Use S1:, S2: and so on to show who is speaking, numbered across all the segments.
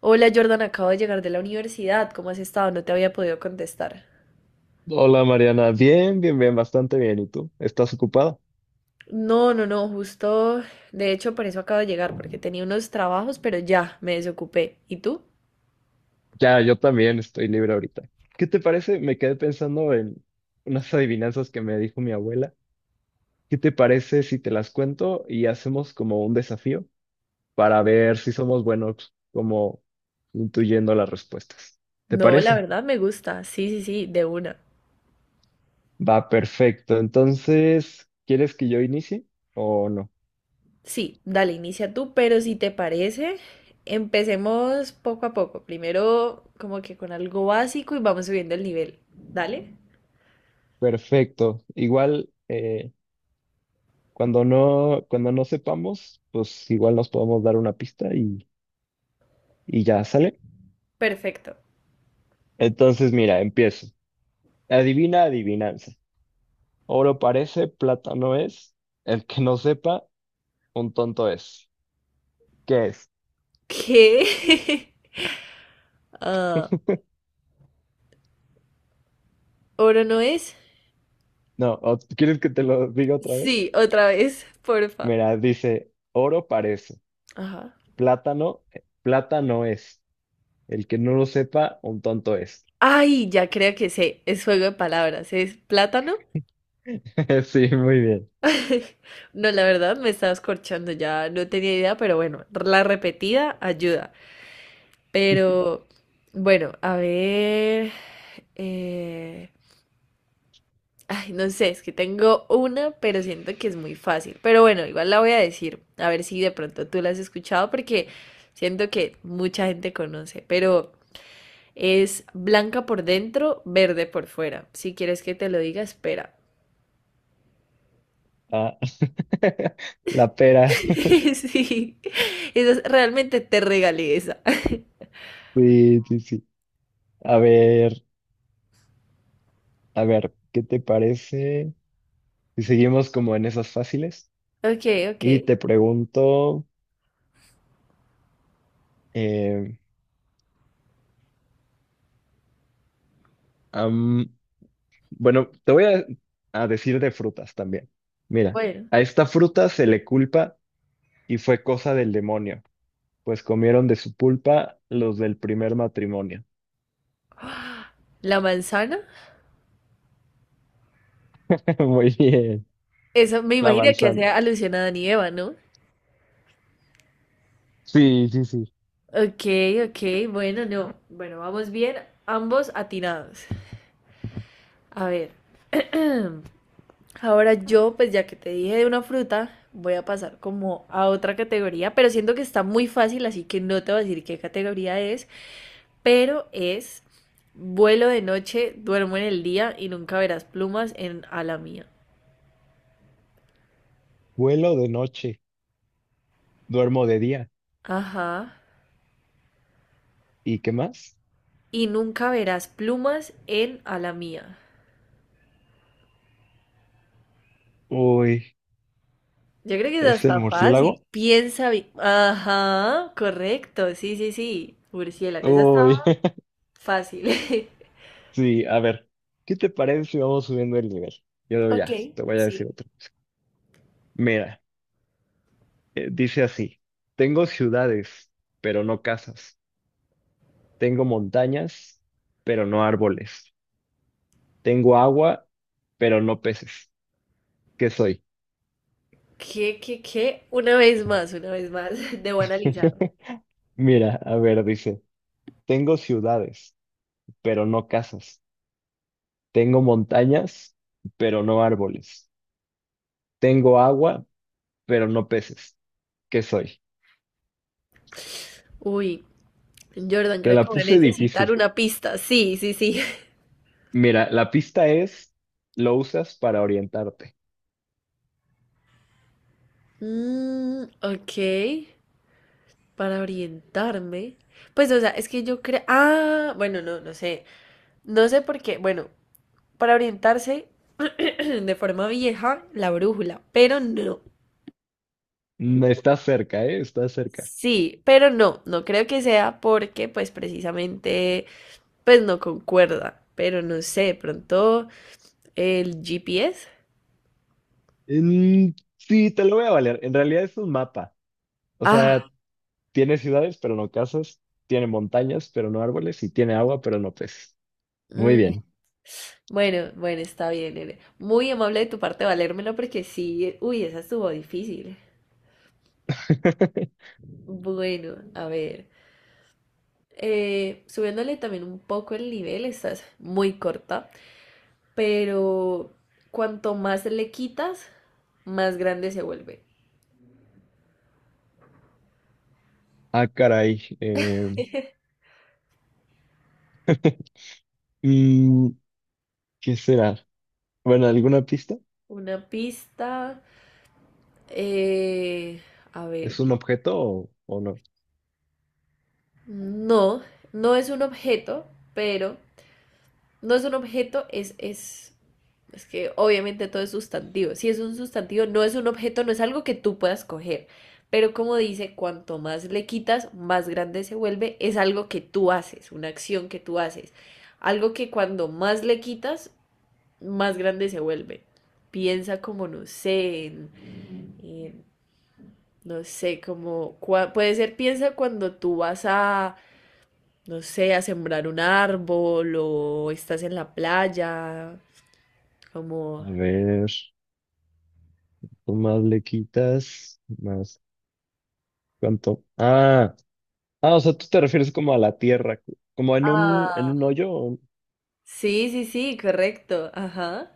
S1: Hola Jordan, acabo de llegar de la universidad. ¿Cómo has estado? No te había podido contestar.
S2: Hola Mariana, bien, bien, bien, bastante bien. ¿Y tú? ¿Estás ocupada?
S1: No, no, no, justo. De hecho, por eso acabo de llegar, porque tenía unos trabajos, pero ya me desocupé. ¿Y tú?
S2: Ya, yo también estoy libre ahorita. ¿Qué te parece? Me quedé pensando en unas adivinanzas que me dijo mi abuela. ¿Qué te parece si te las cuento y hacemos como un desafío para ver si somos buenos como intuyendo las respuestas? ¿Te
S1: No, la
S2: parece?
S1: verdad me gusta. Sí, sí, sí, de una.
S2: Va, perfecto. Entonces, ¿quieres que yo inicie o no?
S1: Sí, dale, inicia tú, pero si te parece, empecemos poco a poco. Primero, como que con algo básico y vamos subiendo el nivel. ¿Dale?
S2: Perfecto. Igual, cuando no sepamos, pues igual nos podemos dar una pista y ya sale.
S1: Perfecto.
S2: Entonces, mira, empiezo. Adivina, adivinanza. Oro parece, plata no es. El que no sepa, un tonto es. ¿Qué es?
S1: ¿Qué? Ah, ¿oro no es?
S2: No, ¿quieres que te lo diga otra vez?
S1: Sí, otra vez, porfa.
S2: Mira, dice, oro parece,
S1: Ajá.
S2: plátano, plata no es. El que no lo sepa, un tonto es.
S1: Ay, ya creo que sé, es juego de palabras, es plátano.
S2: Sí, muy bien.
S1: No, la verdad me estabas corchando, ya no tenía idea, pero bueno, la repetida ayuda. Pero bueno, a ver. eh, Ay, no sé, es que tengo una, pero siento que es muy fácil. Pero bueno, igual la voy a decir, a ver si de pronto tú la has escuchado, porque siento que mucha gente conoce, pero es blanca por dentro, verde por fuera. Si quieres que te lo diga, espera.
S2: Ah, la pera.
S1: Sí, realmente te regalé esa.
S2: Sí, sí, sí. A ver. A ver, ¿qué te parece si seguimos como en esas fáciles?
S1: Ok, ok.
S2: Y te pregunto, eh, am, bueno, te voy a decir de frutas también. Mira,
S1: Bueno,
S2: a esta fruta se le culpa y fue cosa del demonio, pues comieron de su pulpa los del primer matrimonio.
S1: la manzana.
S2: Muy bien,
S1: Eso me
S2: la
S1: imagino que
S2: manzana.
S1: hace alusión a Adán y Eva, ¿no?
S2: Sí, sí, sí.
S1: Ok, ok, bueno, no. Bueno, vamos bien, ambos atinados. A ver, ahora yo, pues ya que te dije de una fruta, voy a pasar como a otra categoría, pero siento que está muy fácil, así que no te voy a decir qué categoría es, pero es vuelo de noche, duermo en el día y nunca verás plumas en ala mía.
S2: Vuelo de noche, duermo de día.
S1: Ajá.
S2: ¿Y qué más?
S1: Y nunca verás plumas en a la mía.
S2: Uy,
S1: Yo creo que es
S2: ¿es el
S1: hasta fácil.
S2: murciélago?
S1: Piensa bien. Ajá, correcto. Sí, sí, sí. Murciélago, esa
S2: Uy.
S1: estaba fácil.
S2: Sí, a ver, ¿qué te parece si vamos subiendo el nivel? Yo
S1: Ok,
S2: ya, te voy a
S1: sí.
S2: decir otro. Mira, dice así, tengo ciudades, pero no casas. Tengo montañas, pero no árboles. Tengo agua, pero no peces. ¿Qué soy?
S1: ¿Qué, qué, qué? Una vez más, una vez más. Debo analizarlo.
S2: Mira, a ver, dice, tengo ciudades, pero no casas. Tengo montañas, pero no árboles. Tengo agua, pero no peces. ¿Qué soy?
S1: Uy, Jordan,
S2: Te
S1: creo
S2: la
S1: que voy a
S2: puse
S1: necesitar
S2: difícil.
S1: una pista. Sí, sí, sí.
S2: Mira, la pista es, lo usas para orientarte.
S1: Mm, ok. Para orientarme. Pues, o sea, es que yo creo. Ah, bueno, no, no sé. No sé por qué. Bueno, para orientarse de forma vieja la brújula, pero no.
S2: Estás cerca, ¿eh? Estás cerca.
S1: Sí, pero no, no creo que sea porque pues precisamente pues no concuerda, pero no sé, pronto el GPS.
S2: Mm, sí, te lo voy a valer. En realidad es un mapa. O
S1: Ah,
S2: sea, tiene ciudades, pero no casas. Tiene montañas, pero no árboles. Y tiene agua, pero no peces. Muy
S1: mm,
S2: bien.
S1: bueno, bueno, está bien, Ere. Muy amable de tu parte valérmelo porque sí, uy, esa estuvo difícil. Bueno, a ver, subiéndole también un poco el nivel, estás muy corta. Pero cuanto más le quitas, más grande se vuelve.
S2: Ah, caray. Mm, ¿qué será? Bueno, ¿alguna pista?
S1: Una pista, eh, a ver,
S2: ¿Es un objeto o no?
S1: no, no es un objeto, pero no es un objeto, es que obviamente todo es sustantivo. Si es un sustantivo, no es un objeto, no es algo que tú puedas coger. Pero como dice, cuanto más le quitas, más grande se vuelve. Es algo que tú haces, una acción que tú haces. Algo que cuando más le quitas, más grande se vuelve. Piensa como, no sé, en- no sé, como, puede ser piensa cuando tú vas a, no sé, a sembrar un árbol o estás en la playa,
S2: A
S1: como...
S2: ver, tú más le quitas, más cuánto. Ah. Ah, o sea, tú te refieres como a la tierra, como en un, en
S1: Ah,
S2: un hoyo.
S1: sí, sí, sí, correcto, ajá.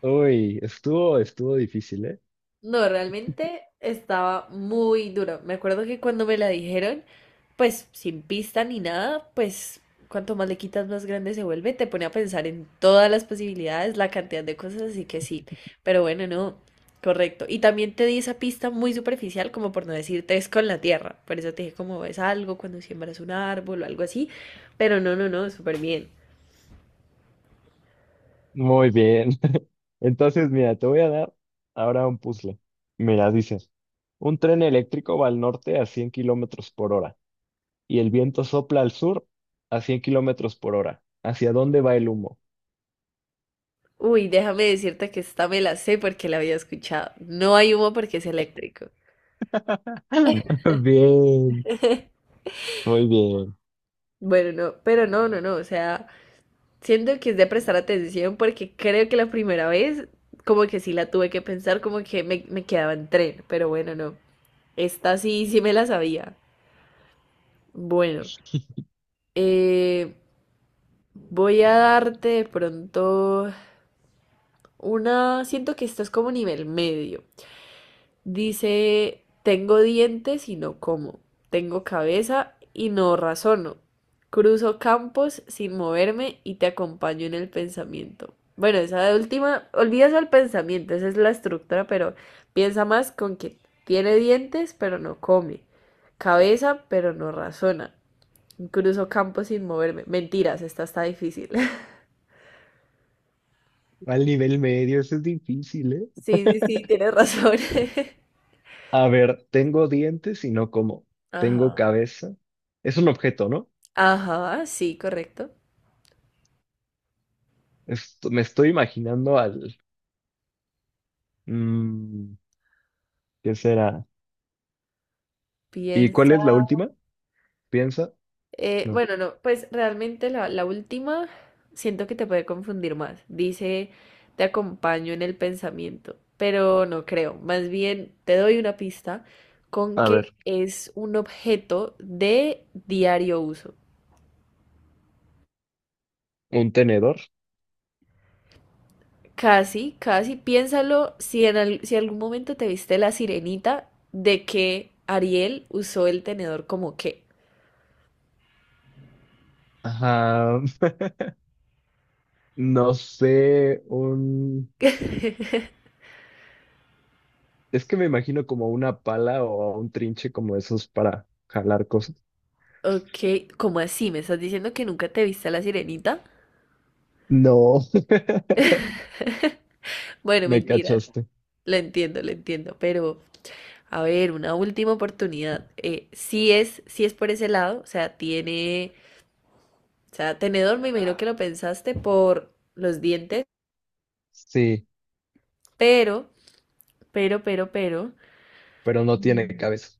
S2: Uy, estuvo, estuvo difícil, ¿eh?
S1: No, realmente estaba muy duro. Me acuerdo que cuando me la dijeron, pues sin pista ni nada, pues cuanto más le quitas, más grande se vuelve. Te pone a pensar en todas las posibilidades, la cantidad de cosas, así que sí. Pero bueno, no, correcto. Y también te di esa pista muy superficial, como por no decirte es con la tierra. Por eso te dije como es algo cuando siembras un árbol o algo así. Pero no, no, no, súper bien.
S2: Muy bien. Entonces, mira, te voy a dar ahora un puzzle. Mira, dice, un tren eléctrico va al norte a 100 kilómetros por hora y el viento sopla al sur a 100 kilómetros por hora. ¿Hacia dónde va el humo?
S1: Uy, déjame decirte que esta me la sé porque la había escuchado. No hay humo porque es eléctrico.
S2: Bien, muy bien.
S1: Bueno, no, pero no, no, no, o sea, siento que es de prestar atención porque creo que la primera vez como que sí la tuve que pensar, como que me quedaba en tren, pero bueno, no, esta sí, sí me la sabía. Bueno, eh, voy a darte de pronto una, siento que esto es como nivel medio. Dice, tengo dientes y no como, tengo cabeza y no razono, cruzo campos sin moverme y te acompaño en el pensamiento. Bueno, esa de última, olvídate el pensamiento, esa es la estructura, pero piensa más con que tiene dientes pero no come, cabeza pero no razona, cruzo campos sin moverme. Mentiras, esta está difícil.
S2: Al nivel medio, eso es difícil, ¿eh?
S1: Sí, sí, sí, tienes razón.
S2: A ver, tengo dientes y no como. Tengo
S1: Ajá.
S2: cabeza. Es un objeto, ¿no?
S1: Ajá, sí, correcto.
S2: Esto, me estoy imaginando al... mm, ¿qué será? ¿Y cuál
S1: Piensa.
S2: es la última? ¿Piensa? No.
S1: Bueno, no, pues realmente la última siento que te puede confundir más. Dice, te acompaño en el pensamiento, pero no creo. Más bien, te doy una pista con
S2: A ver,
S1: que es un objeto de diario uso.
S2: un tenedor.
S1: Casi, casi, piénsalo si algún momento te viste la sirenita de que Ariel usó el tenedor como qué.
S2: Ajá, no sé, un... Es que me imagino como una pala o un trinche como esos para jalar cosas.
S1: Ok, ¿cómo así? ¿Me estás diciendo que nunca te viste a la sirenita?
S2: No,
S1: Bueno,
S2: me
S1: mentiras.
S2: cachaste.
S1: Lo entiendo, pero a ver, una última oportunidad. Si es por ese lado, o sea, tiene, o sea, tenedor, me imagino que lo pensaste por los dientes,
S2: Sí,
S1: pero, pero,
S2: pero no tiene
S1: mm,
S2: cabeza.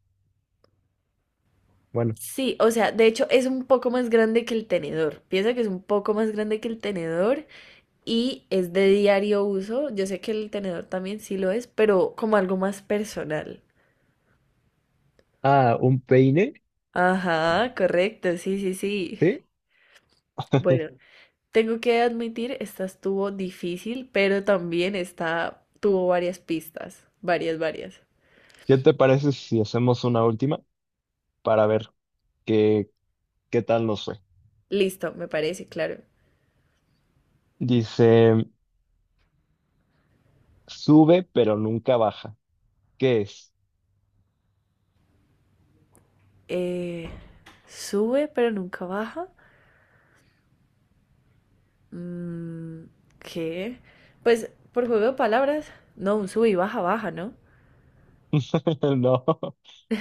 S2: Bueno,
S1: sí, o sea, de hecho es un poco más grande que el tenedor. Piensa que es un poco más grande que el tenedor y es de diario uso. Yo sé que el tenedor también sí lo es, pero como algo más personal.
S2: ah, un peine,
S1: Ajá, correcto, sí, sí, sí.
S2: ¿sí?
S1: Bueno. Tengo que admitir, esta estuvo difícil, pero también esta tuvo varias pistas, varias, varias.
S2: ¿Qué te parece si hacemos una última para ver qué, qué tal nos fue?
S1: Listo, me parece, claro.
S2: Dice... Sube, pero nunca baja. ¿Qué es?
S1: Eh, sube, pero nunca baja. Mm, ¿qué? Pues por juego de palabras, no, un sube y baja, baja, ¿no?
S2: No,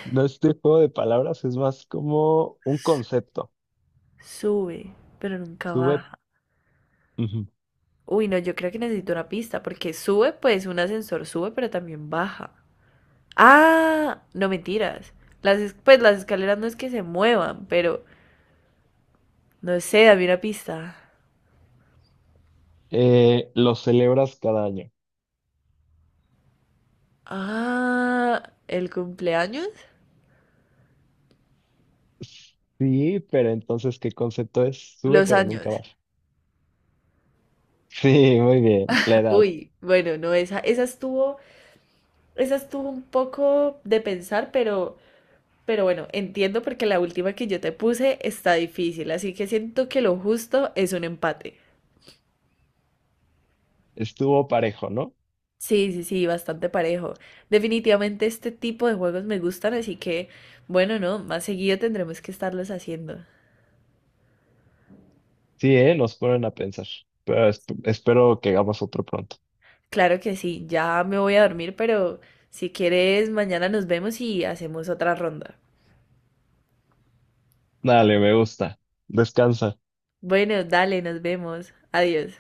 S2: no es de juego de palabras, es más como un concepto.
S1: Sube, pero nunca
S2: Sube,
S1: baja.
S2: ujú.
S1: Uy, no, yo creo que necesito una pista, porque sube, pues un ascensor sube, pero también baja. Ah, no mentiras. Pues las escaleras no es que se muevan, pero... No sé, dame una pista.
S2: Lo celebras cada año.
S1: Ah, el cumpleaños.
S2: Sí, pero entonces, ¿qué concepto es? Sube,
S1: Los
S2: pero nunca
S1: años.
S2: baja. Sí, muy bien, la edad.
S1: Uy, bueno, no, esa estuvo un poco de pensar, pero bueno, entiendo porque la última que yo te puse está difícil, así que siento que lo justo es un empate.
S2: Estuvo parejo, ¿no?
S1: Sí, sí, sí, bastante parejo. Definitivamente este tipo de juegos me gustan, así que, bueno, no, más seguido tendremos que estarlos haciendo.
S2: Sí, ¿eh? Nos ponen a pensar. Pero espero que hagamos otro pronto.
S1: Claro que sí, ya me voy a dormir, pero si quieres, mañana nos vemos y hacemos otra ronda.
S2: Dale, me gusta. Descansa.
S1: Bueno, dale, nos vemos. Adiós.